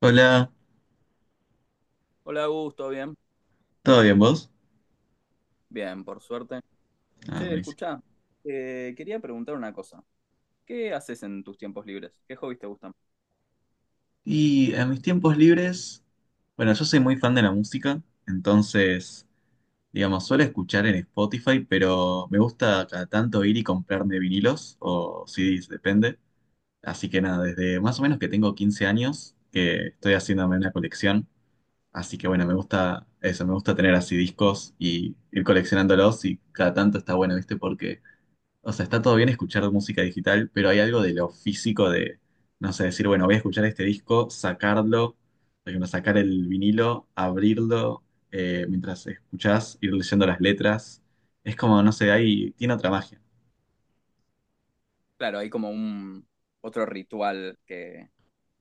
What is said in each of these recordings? Hola, Hola, Augusto, ¿bien? ¿todo bien vos? Bien, por suerte. Ah, Che, buenísimo. escuchá, quería preguntar una cosa. ¿Qué haces en tus tiempos libres? ¿Qué hobbies te gustan? Y en mis tiempos libres, bueno, yo soy muy fan de la música, entonces, digamos, suelo escuchar en Spotify, pero me gusta cada tanto ir y comprarme vinilos o CDs, depende. Así que nada, desde más o menos que tengo 15 años, que estoy haciéndome una colección. Así que bueno, me gusta eso, me gusta tener así discos y ir coleccionándolos y cada tanto está bueno, ¿viste? O sea, está todo bien escuchar música digital, pero hay algo de lo físico de, no sé, decir, bueno, voy a escuchar este disco, sacarlo, por ejemplo, sacar el vinilo, abrirlo, mientras escuchás, ir leyendo las letras. Es como, no sé, ahí tiene otra magia. Claro, hay como un otro ritual que,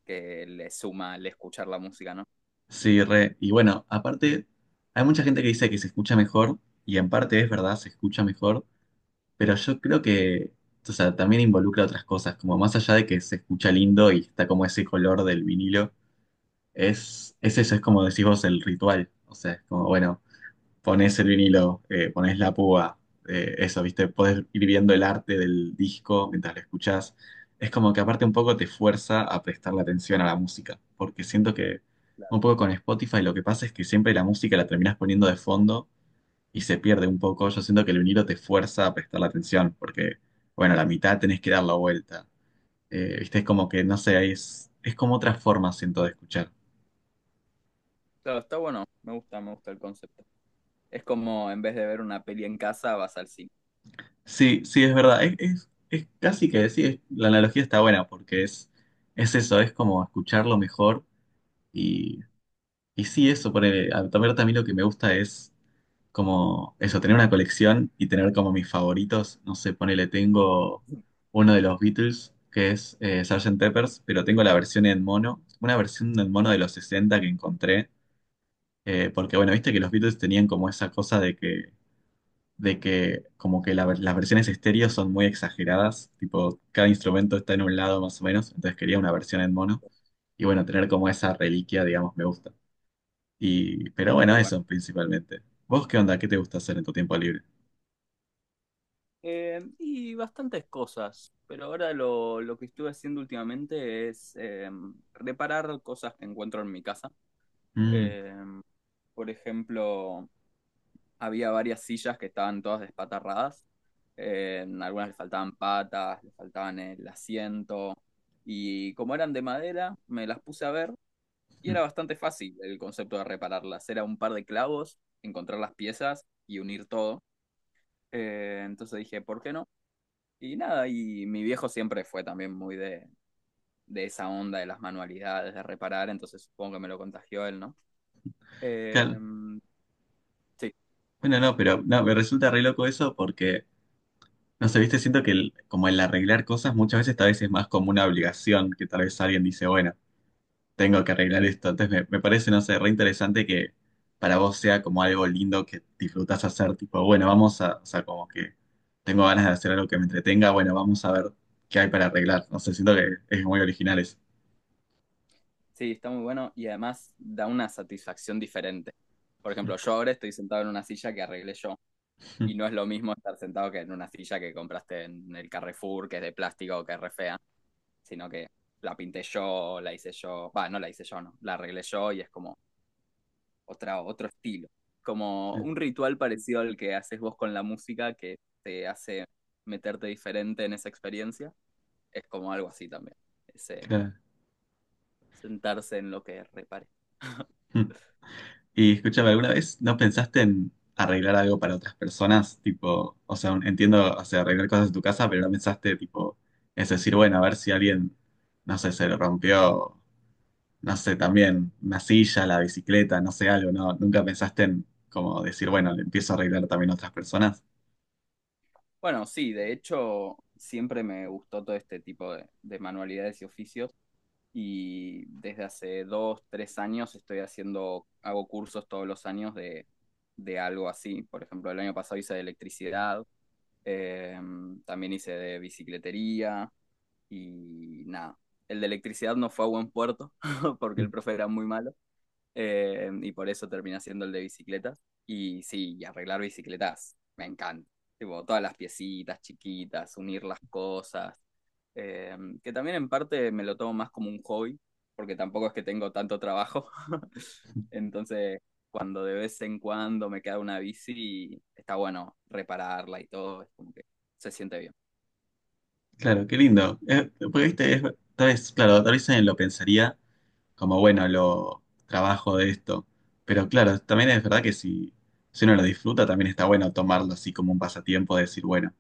que le suma el escuchar la música, ¿no? Sí, re. Y bueno, aparte, hay mucha gente que dice que se escucha mejor, y en parte es verdad, se escucha mejor, pero yo creo que, o sea, también involucra otras cosas, como más allá de que se escucha lindo y está como ese color del vinilo. Es eso, es como decís vos el ritual. O sea, es como, bueno, ponés el vinilo, ponés la púa, eso, ¿viste? Podés ir viendo el arte del disco mientras lo escuchás. Es como que aparte un poco te fuerza a prestarle atención a la música, porque siento que un poco con Spotify lo que pasa es que siempre la música la terminás poniendo de fondo y se pierde un poco. Yo siento que el vinilo te fuerza a prestarle atención, porque, bueno, la mitad tenés que dar la vuelta. ¿Viste? Es como que, no sé, es como otra forma, siento, de escuchar. Claro, está bueno, me gusta el concepto. Es como en vez de ver una peli en casa, vas al cine. Sí, sí, es verdad. Es casi que decir, la analogía está buena porque es eso, es como escucharlo mejor y, y sí, eso, ponele, a ver, también lo que me gusta es como eso, tener una colección y tener como mis favoritos, no sé, ponele, tengo uno de los Beatles que es Sargento Pepper's, pero tengo la versión en mono, una versión en mono de los 60 que encontré, porque bueno, viste que los Beatles tenían como esa cosa de que como que las versiones estéreo son muy exageradas, tipo cada instrumento está en un lado más o menos, entonces quería una versión en mono y bueno, tener como esa reliquia, digamos, me gusta. Y, pero Qué bueno, bueno. eso principalmente. ¿Vos qué onda? ¿Qué te gusta hacer en tu tiempo libre? Y bastantes cosas, pero ahora lo que estuve haciendo últimamente es reparar cosas que encuentro en mi casa. Mm, Eh, por ejemplo, había varias sillas que estaban todas despatarradas. Algunas le faltaban patas, le faltaban el asiento. Y como eran de madera, me las puse a ver y mm, era bastante fácil el concepto de repararlas. Era un par de clavos, encontrar las piezas y unir todo. Entonces dije, ¿por qué no? Y nada, y mi viejo siempre fue también muy de esa onda de las manualidades, de reparar, entonces supongo que me lo contagió él, ¿no? Eh, claro. sí, Bueno, no, pero no, me resulta re loco eso porque, no sé, viste, siento que como el arreglar cosas muchas veces tal vez es más como una obligación, que tal vez alguien dice, bueno. Tengo que arreglar esto. Entonces me parece, no sé, re interesante que para vos sea como algo lindo que disfrutás hacer, tipo, bueno, vamos a, o sea, como que tengo ganas de hacer algo que me entretenga, bueno, vamos a ver qué hay para arreglar. No sé, siento que es muy original eso. sí, está muy bueno y además da una satisfacción diferente. Por ejemplo, yo ahora estoy sentado en una silla que arreglé yo y no es lo mismo estar sentado que en una silla que compraste en el Carrefour, que es de plástico o que es re fea, sino que la pinté yo, la hice yo, va, no la hice yo, no, la arreglé yo y es como otra, otro estilo. Como un ritual parecido al que haces vos con la música que te hace meterte diferente en esa experiencia, es como algo así también, ese Claro. sentarse en lo que repare. Hmm. Y escúchame, ¿alguna vez no pensaste en arreglar algo para otras personas? Tipo, o sea, entiendo, o sea, arreglar cosas en tu casa, pero no pensaste, tipo, es decir, bueno, a ver si alguien, no sé, se lo rompió, no sé, también una silla, la bicicleta, no sé, algo, ¿no? ¿Nunca pensaste en como decir, bueno, le empiezo a arreglar también a otras personas? Bueno, sí, de hecho, siempre me gustó todo este tipo de manualidades y oficios y desde hace 2, 3 años hago cursos todos los años de algo así. Por ejemplo, el año pasado hice de electricidad, eh, también hice de bicicletería y nada. El de electricidad no fue a buen puerto porque Mm, el profe era muy malo, y por eso terminé haciendo el de bicicletas. Y sí, y arreglar bicicletas me encanta. Tipo, todas las piecitas chiquitas, unir las cosas. eh, que también en parte me lo tomo más como un hobby, porque tampoco es que tengo tanto trabajo. Entonces, cuando de vez en cuando me queda una bici, está bueno repararla y todo, es como que se siente bien. claro, qué lindo. Porque, viste, tal vez, claro, tal vez alguien lo pensaría como, bueno, lo trabajo de esto. Pero claro, también es verdad que si uno lo disfruta, también está bueno tomarlo así como un pasatiempo, de decir, bueno,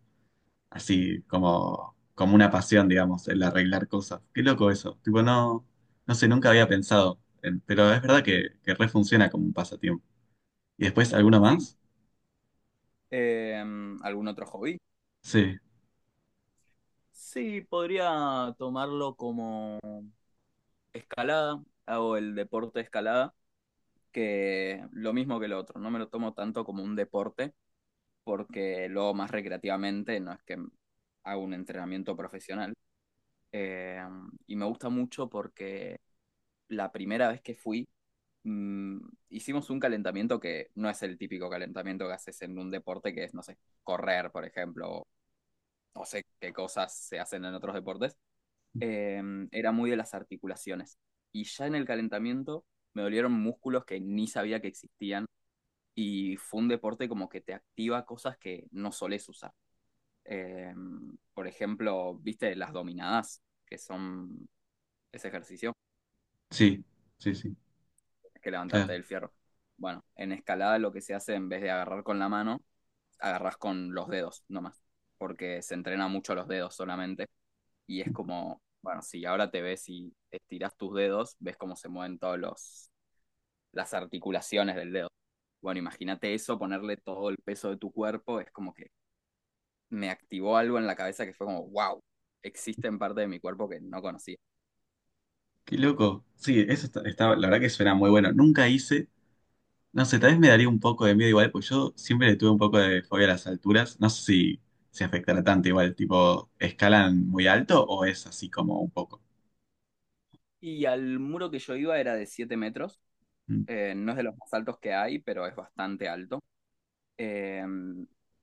así como, como una pasión, digamos, el arreglar cosas. Qué loco eso. Tipo, no, no sé, nunca había pensado, pero es verdad que, re funciona como un pasatiempo. Y después, ¿alguna Sí. más? eh, ¿Algún otro hobby? Sí, Sí, podría tomarlo como escalada, hago el deporte de escalada, que lo mismo que el otro, no me lo tomo tanto como un deporte, porque lo hago más recreativamente, no es que hago un entrenamiento profesional. Eh, y me gusta mucho porque la primera vez que fui, mm, hicimos un calentamiento que no es el típico calentamiento que haces en un deporte, que es, no sé, correr, por ejemplo, o no sé qué cosas se hacen en otros deportes, eh, era muy de las articulaciones. Y ya en el calentamiento me dolieron músculos que ni sabía que existían. Y fue un deporte como que te activa cosas que no solés usar. Eh, por ejemplo, viste las dominadas, que son ese ejercicio, sí, sí, sí, que levantarte claro. del fierro. Bueno, en escalada lo que se hace en vez de agarrar con la mano, agarras con los dedos nomás, porque se entrena mucho los dedos solamente. Y es como, bueno, si ahora te ves y estiras tus dedos, ves cómo se mueven todos los las articulaciones del dedo. Bueno, imagínate eso, ponerle todo el peso de tu cuerpo, es como que me activó algo en la cabeza que fue como, wow, existen partes de mi cuerpo que no conocía. Qué loco. Sí, eso está, la verdad que suena muy bueno. Nunca hice, no sé, tal vez me daría un poco de miedo igual, pues yo siempre le tuve un poco de fobia a las alturas. No sé si se afectará tanto igual, tipo, ¿escalan muy alto o es así como un poco? Y al muro que yo iba era de 7 metros, Mm, no es de los más altos que hay, pero es bastante alto. Eh,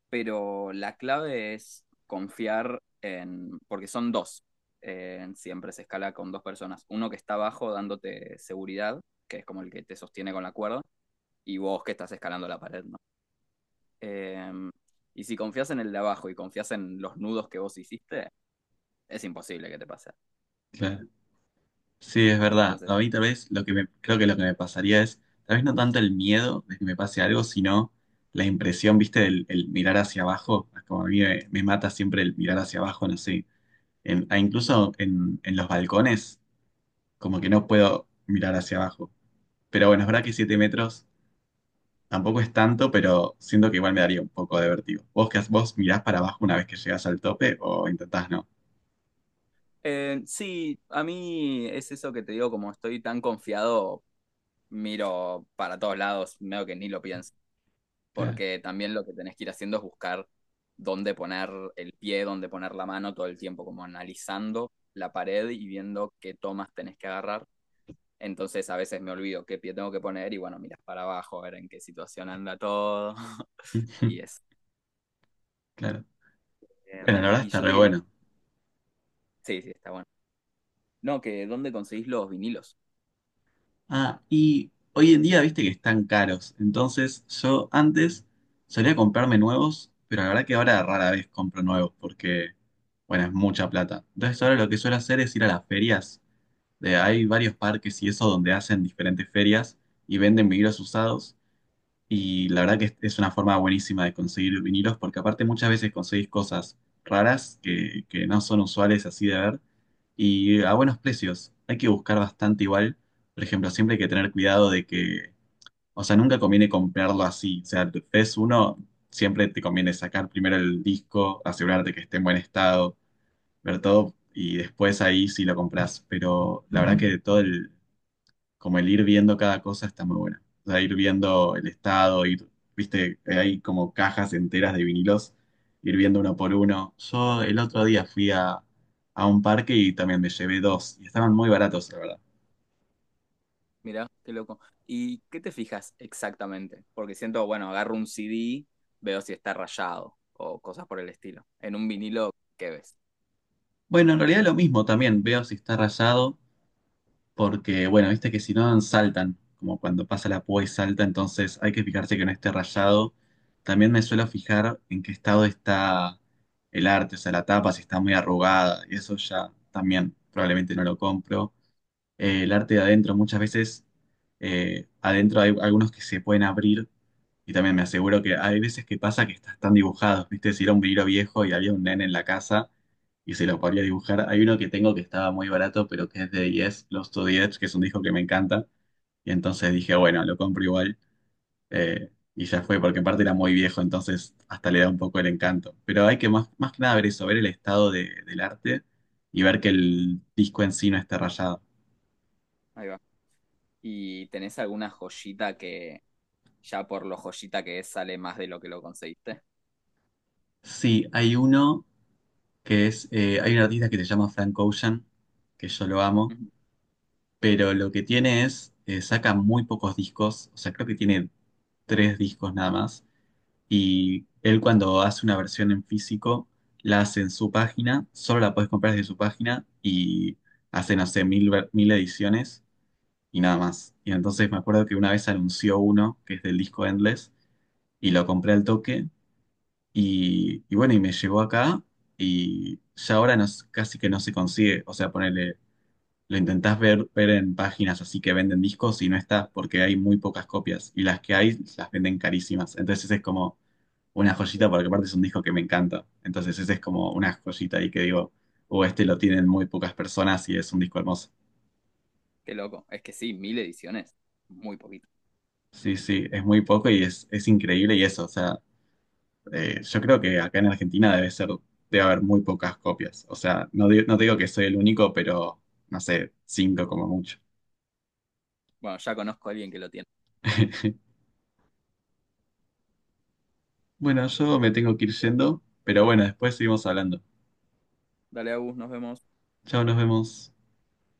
pero la clave es confiar en, porque son dos, siempre se escala con dos personas, uno que está abajo dándote seguridad, que es como el que te sostiene con la cuerda, y vos que estás escalando la pared, ¿no? Eh, y si confías en el de abajo y confías en los nudos que vos hiciste, es imposible que te pase. claro. Sí, es verdad. Entonces, A mí tal vez lo que me, creo que lo que me pasaría es, tal vez no tanto el miedo de que me pase algo, sino la impresión, viste, del el mirar hacia abajo. Como a mí me mata siempre el mirar hacia abajo, no sé a incluso en los balcones, como que no puedo mirar hacia abajo. Pero bueno, es verdad que 7 metros tampoco es tanto, pero siento que igual me daría un poco de vértigo. ¿Vos qué haces? ¿Vos mirás para abajo una vez que llegas al tope o intentás no? Sí, a mí es eso que te digo, como estoy tan confiado, miro para todos lados, medio que ni lo pienso, Claro. porque también lo que tenés que ir haciendo es buscar dónde poner el pie, dónde poner la mano todo el tiempo, como analizando la pared y viendo qué tomas tenés que agarrar. Entonces a veces me olvido qué pie tengo que poner y bueno, miras para abajo a ver en qué situación anda todo. y es Claro. Bueno, la verdad y está yo re te quería. bueno. Sí, sí, está bueno. No, que ¿dónde conseguís los vinilos? Ah, y hoy en día viste que están caros. Entonces yo antes solía comprarme nuevos, pero la verdad que ahora rara vez compro nuevos porque, bueno, es mucha plata. Entonces ahora lo que suelo hacer es ir a las ferias de, hay varios parques y eso donde hacen diferentes ferias y venden vinilos usados. Y la verdad que es una forma buenísima de conseguir vinilos porque aparte muchas veces conseguís cosas raras que no son usuales así de ver y a buenos precios. Hay que buscar bastante igual. Por ejemplo, siempre hay que tener cuidado de que, o sea, nunca conviene comprarlo así. O sea, ves uno, siempre te conviene sacar primero el disco, asegurarte que esté en buen estado, ver todo y después ahí sí lo compras. Pero la verdad que todo el como el ir viendo cada cosa está muy buena. O sea, ir viendo el estado, ir, viste, hay como cajas enteras de vinilos, ir viendo uno por uno. Yo el otro día fui a un parque y también me llevé dos y estaban muy baratos, la verdad. Mirá, qué loco. ¿Y qué te fijas exactamente? Porque siento, bueno, agarro un CD, veo si está rayado o cosas por el estilo. En un vinilo, ¿qué ves? Bueno, en realidad lo mismo también, veo si está rayado porque bueno, viste que si no saltan, como cuando pasa la púa y salta, entonces hay que fijarse que no esté rayado. También me suelo fijar en qué estado está el arte, o sea, la tapa, si está muy arrugada, y eso ya también probablemente no lo compro. El arte de adentro, muchas veces adentro hay algunos que se pueden abrir y también me aseguro que hay veces que pasa que estás tan dibujados, ¿viste? Si era un vinilo viejo y había un nene en la casa y se lo podía dibujar. Hay uno que tengo que estaba muy barato, pero que es de Yes, Lost to the Edge, que es un disco que me encanta. Y entonces dije, bueno, lo compro igual. Y ya fue, porque aparte era muy viejo, entonces hasta le da un poco el encanto. Pero hay que más, más que nada ver eso, ver el estado del arte y ver que el disco en sí no esté rayado. Ahí va. ¿Y tenés alguna joyita que ya por lo joyita que es sale más de lo que lo conseguiste? Sí, hay uno que es, hay un artista que se llama Frank Ocean, que yo lo amo, Ujú. pero lo que tiene es, saca muy pocos discos, o sea, creo que tiene tres discos nada más, y él cuando hace una versión en físico, la hace en su página, solo la puedes comprar desde su página, y hace, no sé, mil ediciones y nada más. Y entonces me acuerdo que una vez anunció uno, que es del disco Endless, y lo compré al toque, y, bueno, y me llegó acá, y ya ahora no, casi que no se consigue, o sea, ponerle lo intentás ver, ver en páginas así que venden discos y no está porque hay muy pocas copias y las que hay las venden carísimas. Entonces es como una joyita porque aparte es un disco que me encanta. Entonces ese es como una joyita ahí que digo, o este lo tienen muy pocas personas y es un disco hermoso. Qué loco. Es que sí, 1.000 ediciones. Muy poquito. Sí, sí, es muy poco y es increíble y eso, o sea, yo creo que acá en Argentina debe ser, debe haber muy pocas copias. O sea, no, no digo que soy el único, pero no sé, cinco como mucho. Bueno, ya conozco a alguien que lo tiene. Bueno, yo me tengo que ir yendo, pero bueno, después seguimos hablando. Dale, Agus, nos vemos. Chao, nos vemos.